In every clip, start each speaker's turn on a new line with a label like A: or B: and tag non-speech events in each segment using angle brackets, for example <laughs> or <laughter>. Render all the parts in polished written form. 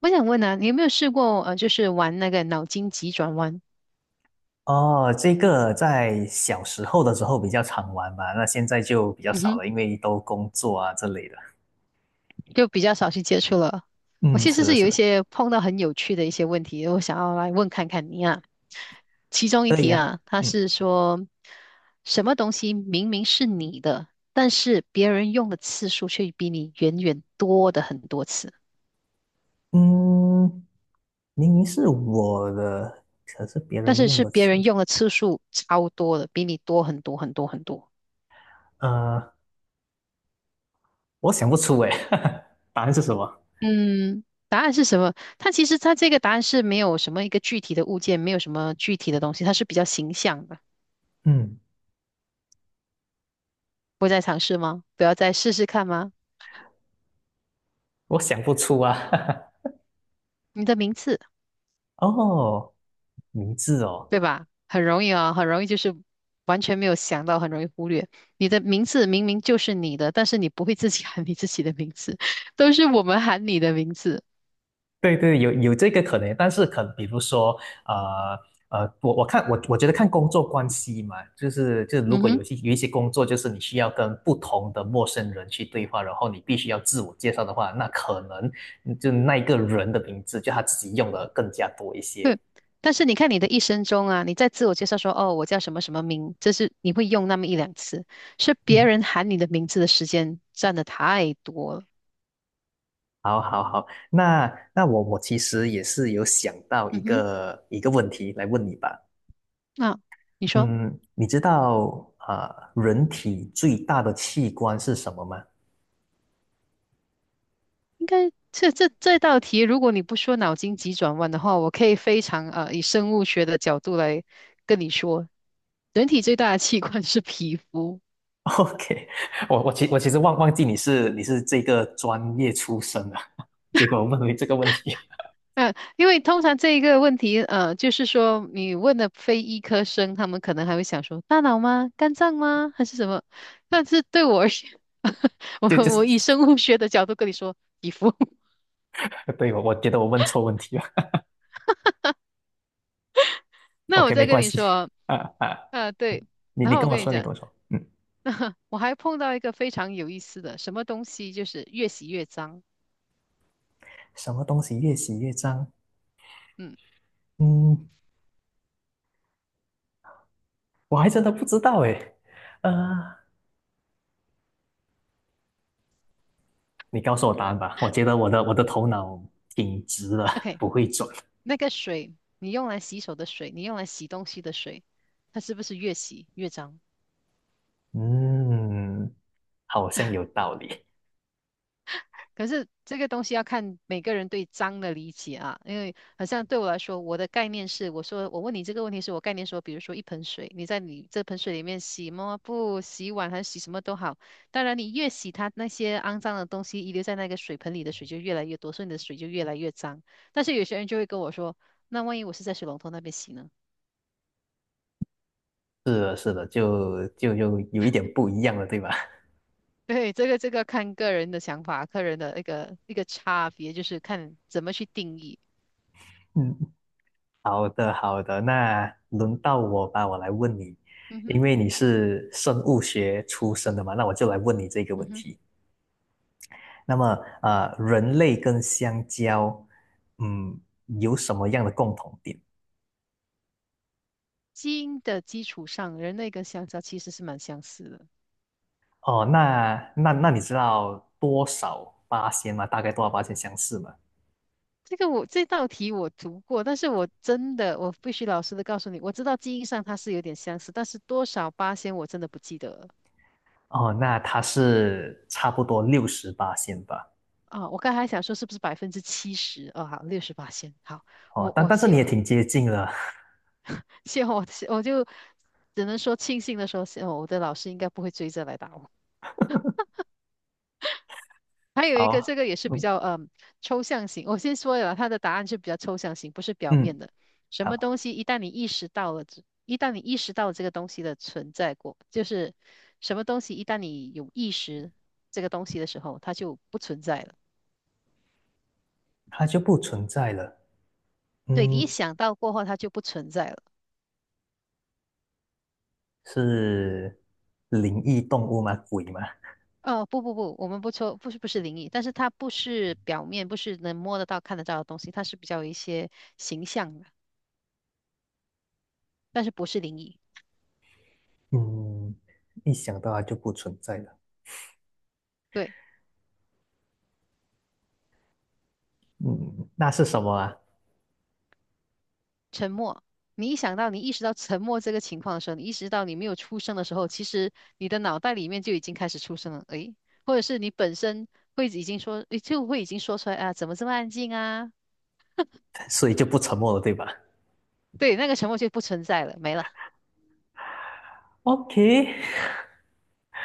A: 我想问啊，你有没有试过就是玩那个脑筋急转弯？
B: 哦，这个在小时候的时候比较常玩吧，那现在就比较
A: 嗯
B: 少
A: 哼，
B: 了，因为都工作啊之类的。
A: 就比较少去接触了。我
B: 嗯，
A: 其
B: 是
A: 实
B: 的，
A: 是
B: 是
A: 有一
B: 的，
A: 些碰到很有趣的一些问题，我想要来问看看你啊。其中一
B: 可以
A: 题
B: 啊。
A: 啊，它
B: 嗯
A: 是说什么东西明明是你的，但是别人用的次数却比你远远多的很多次，
B: 嗯，明明是我的，可是别
A: 但
B: 人
A: 是
B: 用
A: 是
B: 的
A: 别人
B: 词，
A: 用的次数超多的，比你多很多很多很多。
B: 呃，我想不出诶，<laughs> 答案是什么？
A: 嗯，答案是什么？它其实这个答案是没有什么一个具体的物件，没有什么具体的东西，它是比较形象的。
B: 嗯，
A: 不再尝试吗？不要再试试看吗？
B: 我想不出啊。<laughs>
A: 你的名字，
B: 哦，名字哦，
A: 对吧？很容易啊，很容易就是完全没有想到，很容易忽略。你的名字明明就是你的，但是你不会自己喊你自己的名字，<laughs> 都是我们喊你的名字。
B: 对对，有这个可能，但是可比如说，呃我看我觉得看工作关系嘛，就是如
A: 嗯
B: 果有
A: 哼。
B: 些有一些工作，就是你需要跟不同的陌生人去对话，然后你必须要自我介绍的话，那可能就那一个人的名字，就他自己用的更加多一些。
A: 对，但是你看你的一生中啊，你在自我介绍说哦，我叫什么什么名，这是你会用那么一两次，是别
B: 嗯，
A: 人喊你的名字的时间占的太多了。
B: 好，好，好，那我其实也是有想到一
A: 嗯哼，
B: 个一个问题来问你吧。
A: 那、你说
B: 嗯，你知道啊，人体最大的器官是什么吗？
A: 应该这道题，如果你不说脑筋急转弯的话，我可以非常以生物学的角度来跟你说，人体最大的器官是皮肤。
B: <laughs> OK，我其实忘记你是这个专业出身的，<laughs> 结果我问回这个问题，
A: 嗯，因为通常这一个问题，就是说你问的非医科生，他们可能还会想说大脑吗？肝脏吗？还是什么？但是对我而言，<laughs>
B: <laughs> 就
A: 我
B: 就
A: 我
B: 是
A: 以生物学的角度跟你说皮肤，<laughs>
B: <laughs> 对我觉得我问错问题了。
A: 那我
B: OK，没
A: 再跟
B: 关
A: 你
B: 系，
A: 说，
B: <laughs> 啊啊，
A: 啊，对，
B: 你
A: 然
B: 你
A: 后我
B: 跟我
A: 跟你
B: 说，你
A: 讲，
B: 跟我说，嗯，
A: <laughs> 那我还碰到一个非常有意思的什么东西，就是越洗越脏。
B: 什么东西越洗越脏？
A: 嗯
B: 嗯，我还真的不知道诶，啊，你告诉我答案吧，我觉得我的头脑挺直的，
A: ，OK，
B: 不会转。
A: 那个水，你用来洗手的水，你用来洗东西的水，它是不是越洗越脏？
B: 嗯，好像有道理。
A: 可是这个东西要看每个人对脏的理解啊，因为好像对我来说，我的概念是，我说我问你这个问题是我概念说，比如说一盆水，你在你这盆水里面洗抹布、洗碗还是洗什么都好，当然你越洗它那些肮脏的东西遗留在那个水盆里的水就越来越多，所以你的水就越来越脏。但是有些人就会跟我说，那万一我是在水龙头那边洗呢？
B: 是的，是的，就有一点不一样了，对吧？
A: <laughs> 对，这个这个看个人的想法，个人的一个差别，就是看怎么去定义。
B: <laughs> 嗯。好的，好的，那轮到我吧，我来问你，
A: 嗯
B: 因
A: 哼，
B: 为你是生物学出身的嘛，那我就来问你这个
A: 嗯
B: 问
A: 哼。
B: 题。那么，人类跟香蕉，嗯，有什么样的共同点？
A: 基因的基础上，人类跟香蕉其实是蛮相似的。
B: 哦，那你知道多少八仙吗？大概多少八仙相似吗？
A: 这个这道题我读过，但是我真的我必须老实的告诉你，我知道基因上它是有点相似，但是多少八仙我真的不记得了
B: 哦，那它是差不多60%吧？
A: 啊。我刚才还想说是不是70%？哦，好，68%。好，
B: 哦，
A: 我
B: 但
A: 我
B: 但是
A: 谢
B: 你也挺接近了。
A: 谢我就只能说庆幸的说，谢我的老师应该不会追着来打我。还
B: <laughs>
A: 有一个，这
B: 好，
A: 个也是比
B: 嗯
A: 较抽象型。我先说了，它的答案是比较抽象型，不是表
B: 嗯，
A: 面的。什么
B: 好，
A: 东西一旦你意识到了这，一旦你意识到这个东西的存在过，就是什么东西一旦你有意识这个东西的时候，它就不存在了。
B: 它就不存在了。
A: 对，你
B: 嗯，
A: 一想到过后，它就不存在了。
B: 是灵异动物吗？鬼吗？
A: 哦，不不不，我们不抽，不是不是灵异，但是它不是表面，不是能摸得到、看得到的东西，它是比较有一些形象的，但是不是灵异。
B: <laughs> 嗯，一想到它就不存在了。
A: 对。
B: 嗯，那是什么啊？
A: 沉默。你一想到你意识到沉默这个情况的时候，你意识到你没有出声的时候，其实你的脑袋里面就已经开始出声了，诶，或者是你本身会已经说，诶就会已经说出来啊，怎么这么安静啊？
B: <laughs> 所以就不沉默了，对吧
A: 对，那个沉默就不存在了，没了。
B: ？OK，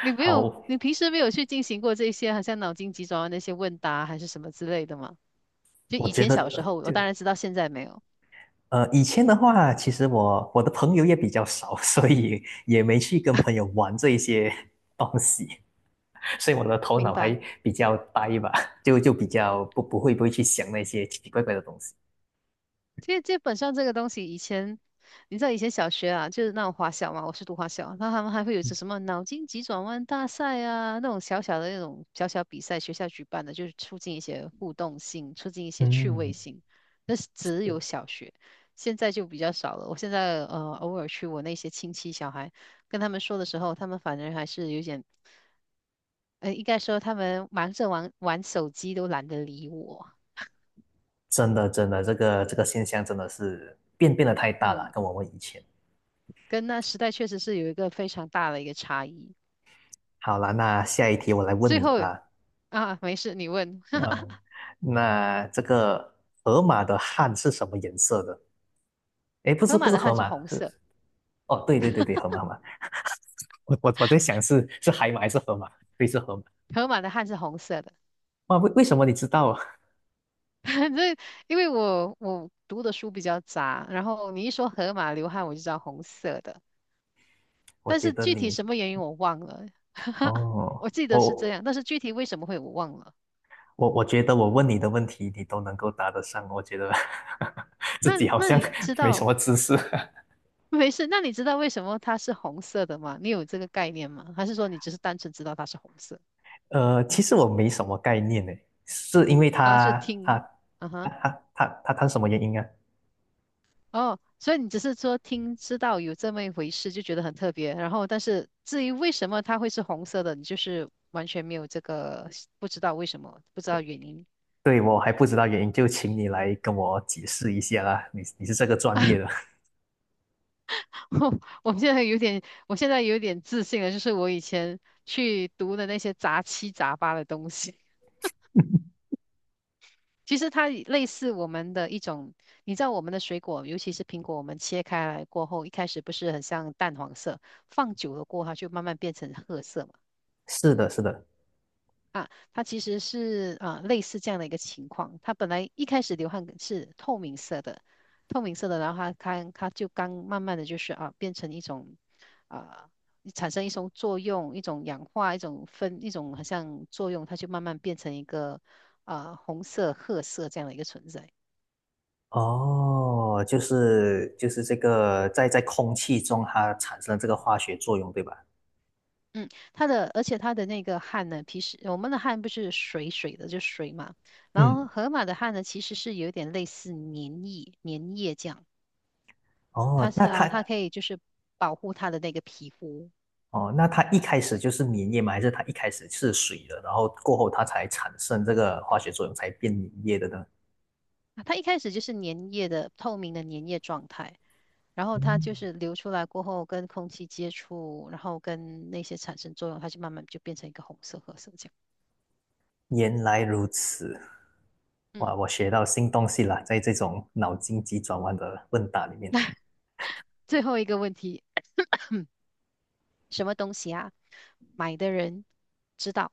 A: 你 没有，
B: 好，
A: 你平时没有去进行过这些，好像脑筋急转弯那些问答还是什么之类的吗？就
B: 我
A: 以
B: 觉
A: 前
B: 得
A: 小时
B: 呃
A: 候，我
B: 就
A: 当然知道，现在没有，
B: 呃，以前的话，其实我的朋友也比较少，<laughs> 所以也没去跟朋友玩这一些 <laughs> 东西，所以我的头
A: 明
B: 脑
A: 白。
B: 还比较呆吧，<laughs> 就比较不会去想那些奇奇怪怪的东西。
A: 其实基本上这个东西，以前你知道以前小学啊，就是那种华小嘛，我是读华小，那他们还会有些什么脑筋急转弯大赛啊，那种小小的那种小小比赛，学校举办的，就是促进一些互动性，促进一些趣味
B: 嗯，
A: 性。那是只有小学，现在就比较少了。我现在偶尔去我那些亲戚小孩跟他们说的时候，他们反而还是有点，应该说他们忙着玩玩手机都懒得理我。
B: 真的真的，这个现象真的是变得太大了，
A: 嗯。
B: 跟我们以前。
A: 跟那时代确实是有一个非常大的一个差异。
B: 好了，那下一题我来问
A: 最
B: 你
A: 后
B: 吧。
A: 啊，没事，你问，
B: 呃，
A: <laughs>
B: 嗯，那这个河马的汗是什么颜色的？诶，不
A: 河
B: 是不
A: 马
B: 是
A: 的
B: 河
A: 汗是
B: 马，
A: 红
B: 是
A: 色，
B: 哦，对对对对，河马河马。我在想是海马还是河马？对，是河马。
A: 河马的汗是红色的。
B: 哇，为什么你知道啊
A: <laughs> 这因为我读的书比较杂，然后你一说河马流汗，我就知道红色的，
B: <laughs> 我
A: 但
B: 觉
A: 是
B: 得
A: 具体
B: 你
A: 什么原因我忘了，<laughs>
B: 哦，
A: 我记得是这
B: 我
A: 样，但是具体为什么会我忘了。
B: 我觉得我问你的问题你都能够答得上，我觉得 <laughs> 自
A: 那
B: 己好
A: 那
B: 像
A: 你知
B: 没什
A: 道？
B: 么知识。<laughs>
A: 没事，那你知道为什么它是红色的吗？你有这个概念吗？还是说你只是单纯知道它是红色？
B: 其实我没什么概念呢，是因为
A: 啊，是
B: 他他
A: 听，啊
B: 他
A: 哈。
B: 他他他他什么原因啊？
A: 哦，所以你只是说听知道有这么一回事，就觉得很特别。然后，但是至于为什么它会是红色的，你就是完全没有这个不知道为什么，不知道原因。
B: 对，我还不知道原因，就请你来跟我解释一下啦。你是这个专业的，
A: <laughs> 我现在有点，我现在有点自信了，就是我以前去读的那些杂七杂八的东西，其实它也类似我们的一种，你知道我们的水果，尤其是苹果，我们切开来过后，一开始不是很像淡黄色，放久了过后，它就慢慢变成褐色
B: <laughs> 是的，是的。
A: 啊，它其实是啊、类似这样的一个情况。它本来一开始流汗是透明色的，透明色的，然后它就刚慢慢的就是啊变成一种啊、产生一种作用，一种氧化，一种分，一种好像作用，它就慢慢变成一个啊、红色、褐色这样的一个存在。
B: 哦，就是这个在空气中它产生了这个化学作用，对吧？
A: 嗯，它的而且它的那个汗呢，平时我们的汗不是水水的，就水嘛。然后
B: 嗯，
A: 河马的汗呢，其实是有点类似粘液、粘液这样。
B: 哦，
A: 它是啊，它可以就是保护它的那个皮肤。
B: 那它一开始就是粘液吗？还是它一开始是水的，然后过后它才产生这个化学作用，才变粘液的呢？
A: 啊它一开始就是粘液的透明的粘液状态，然后它就
B: 嗯。
A: 是流出来过后跟空气接触，然后跟那些产生作用，它就慢慢就变成一个红色、褐色这样。
B: 原来如此，
A: 嗯，
B: 哇，我学到新东西了，在这种脑筋急转弯的问答里面。
A: 最后一个问题，什么东西啊？买的人知道，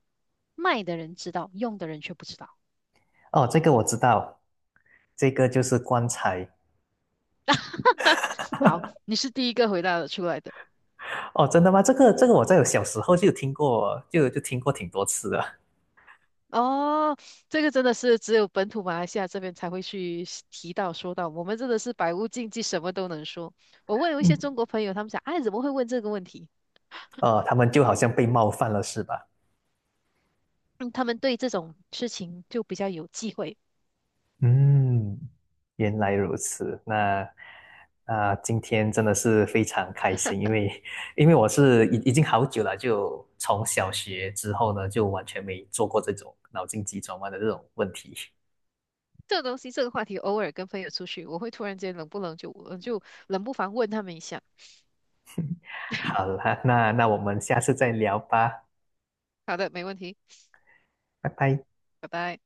A: 卖的人知道，用的人却不知道。
B: 哦，这个我知道，这个就是棺材。
A: <laughs> 好，你是第一个回答得出来的。
B: 哦，真的吗？这个我在我小时候就有听过，就听过挺多次的。
A: 哦，这个真的是只有本土马来西亚这边才会去提到说到，我们真的是百无禁忌，什么都能说。我问有一
B: 嗯，
A: 些中国朋友，他们讲，哎，怎么会问这个问题？
B: 哦，他们就好像被冒犯了，是吧？
A: 嗯他们对这种事情就比较有忌讳。
B: 嗯，原来如此。那今天真的是非常开心，因为我是已经好久了，就从小学之后呢，就完全没做过这种脑筋急转弯的这种问题。
A: 这个东西，这个话题，偶尔跟朋友出去，我会突然间冷不冷就就冷不防问他们一下。
B: 好啦，那我们下次再聊吧，
A: 好的，没问题，
B: 拜拜。
A: 拜拜。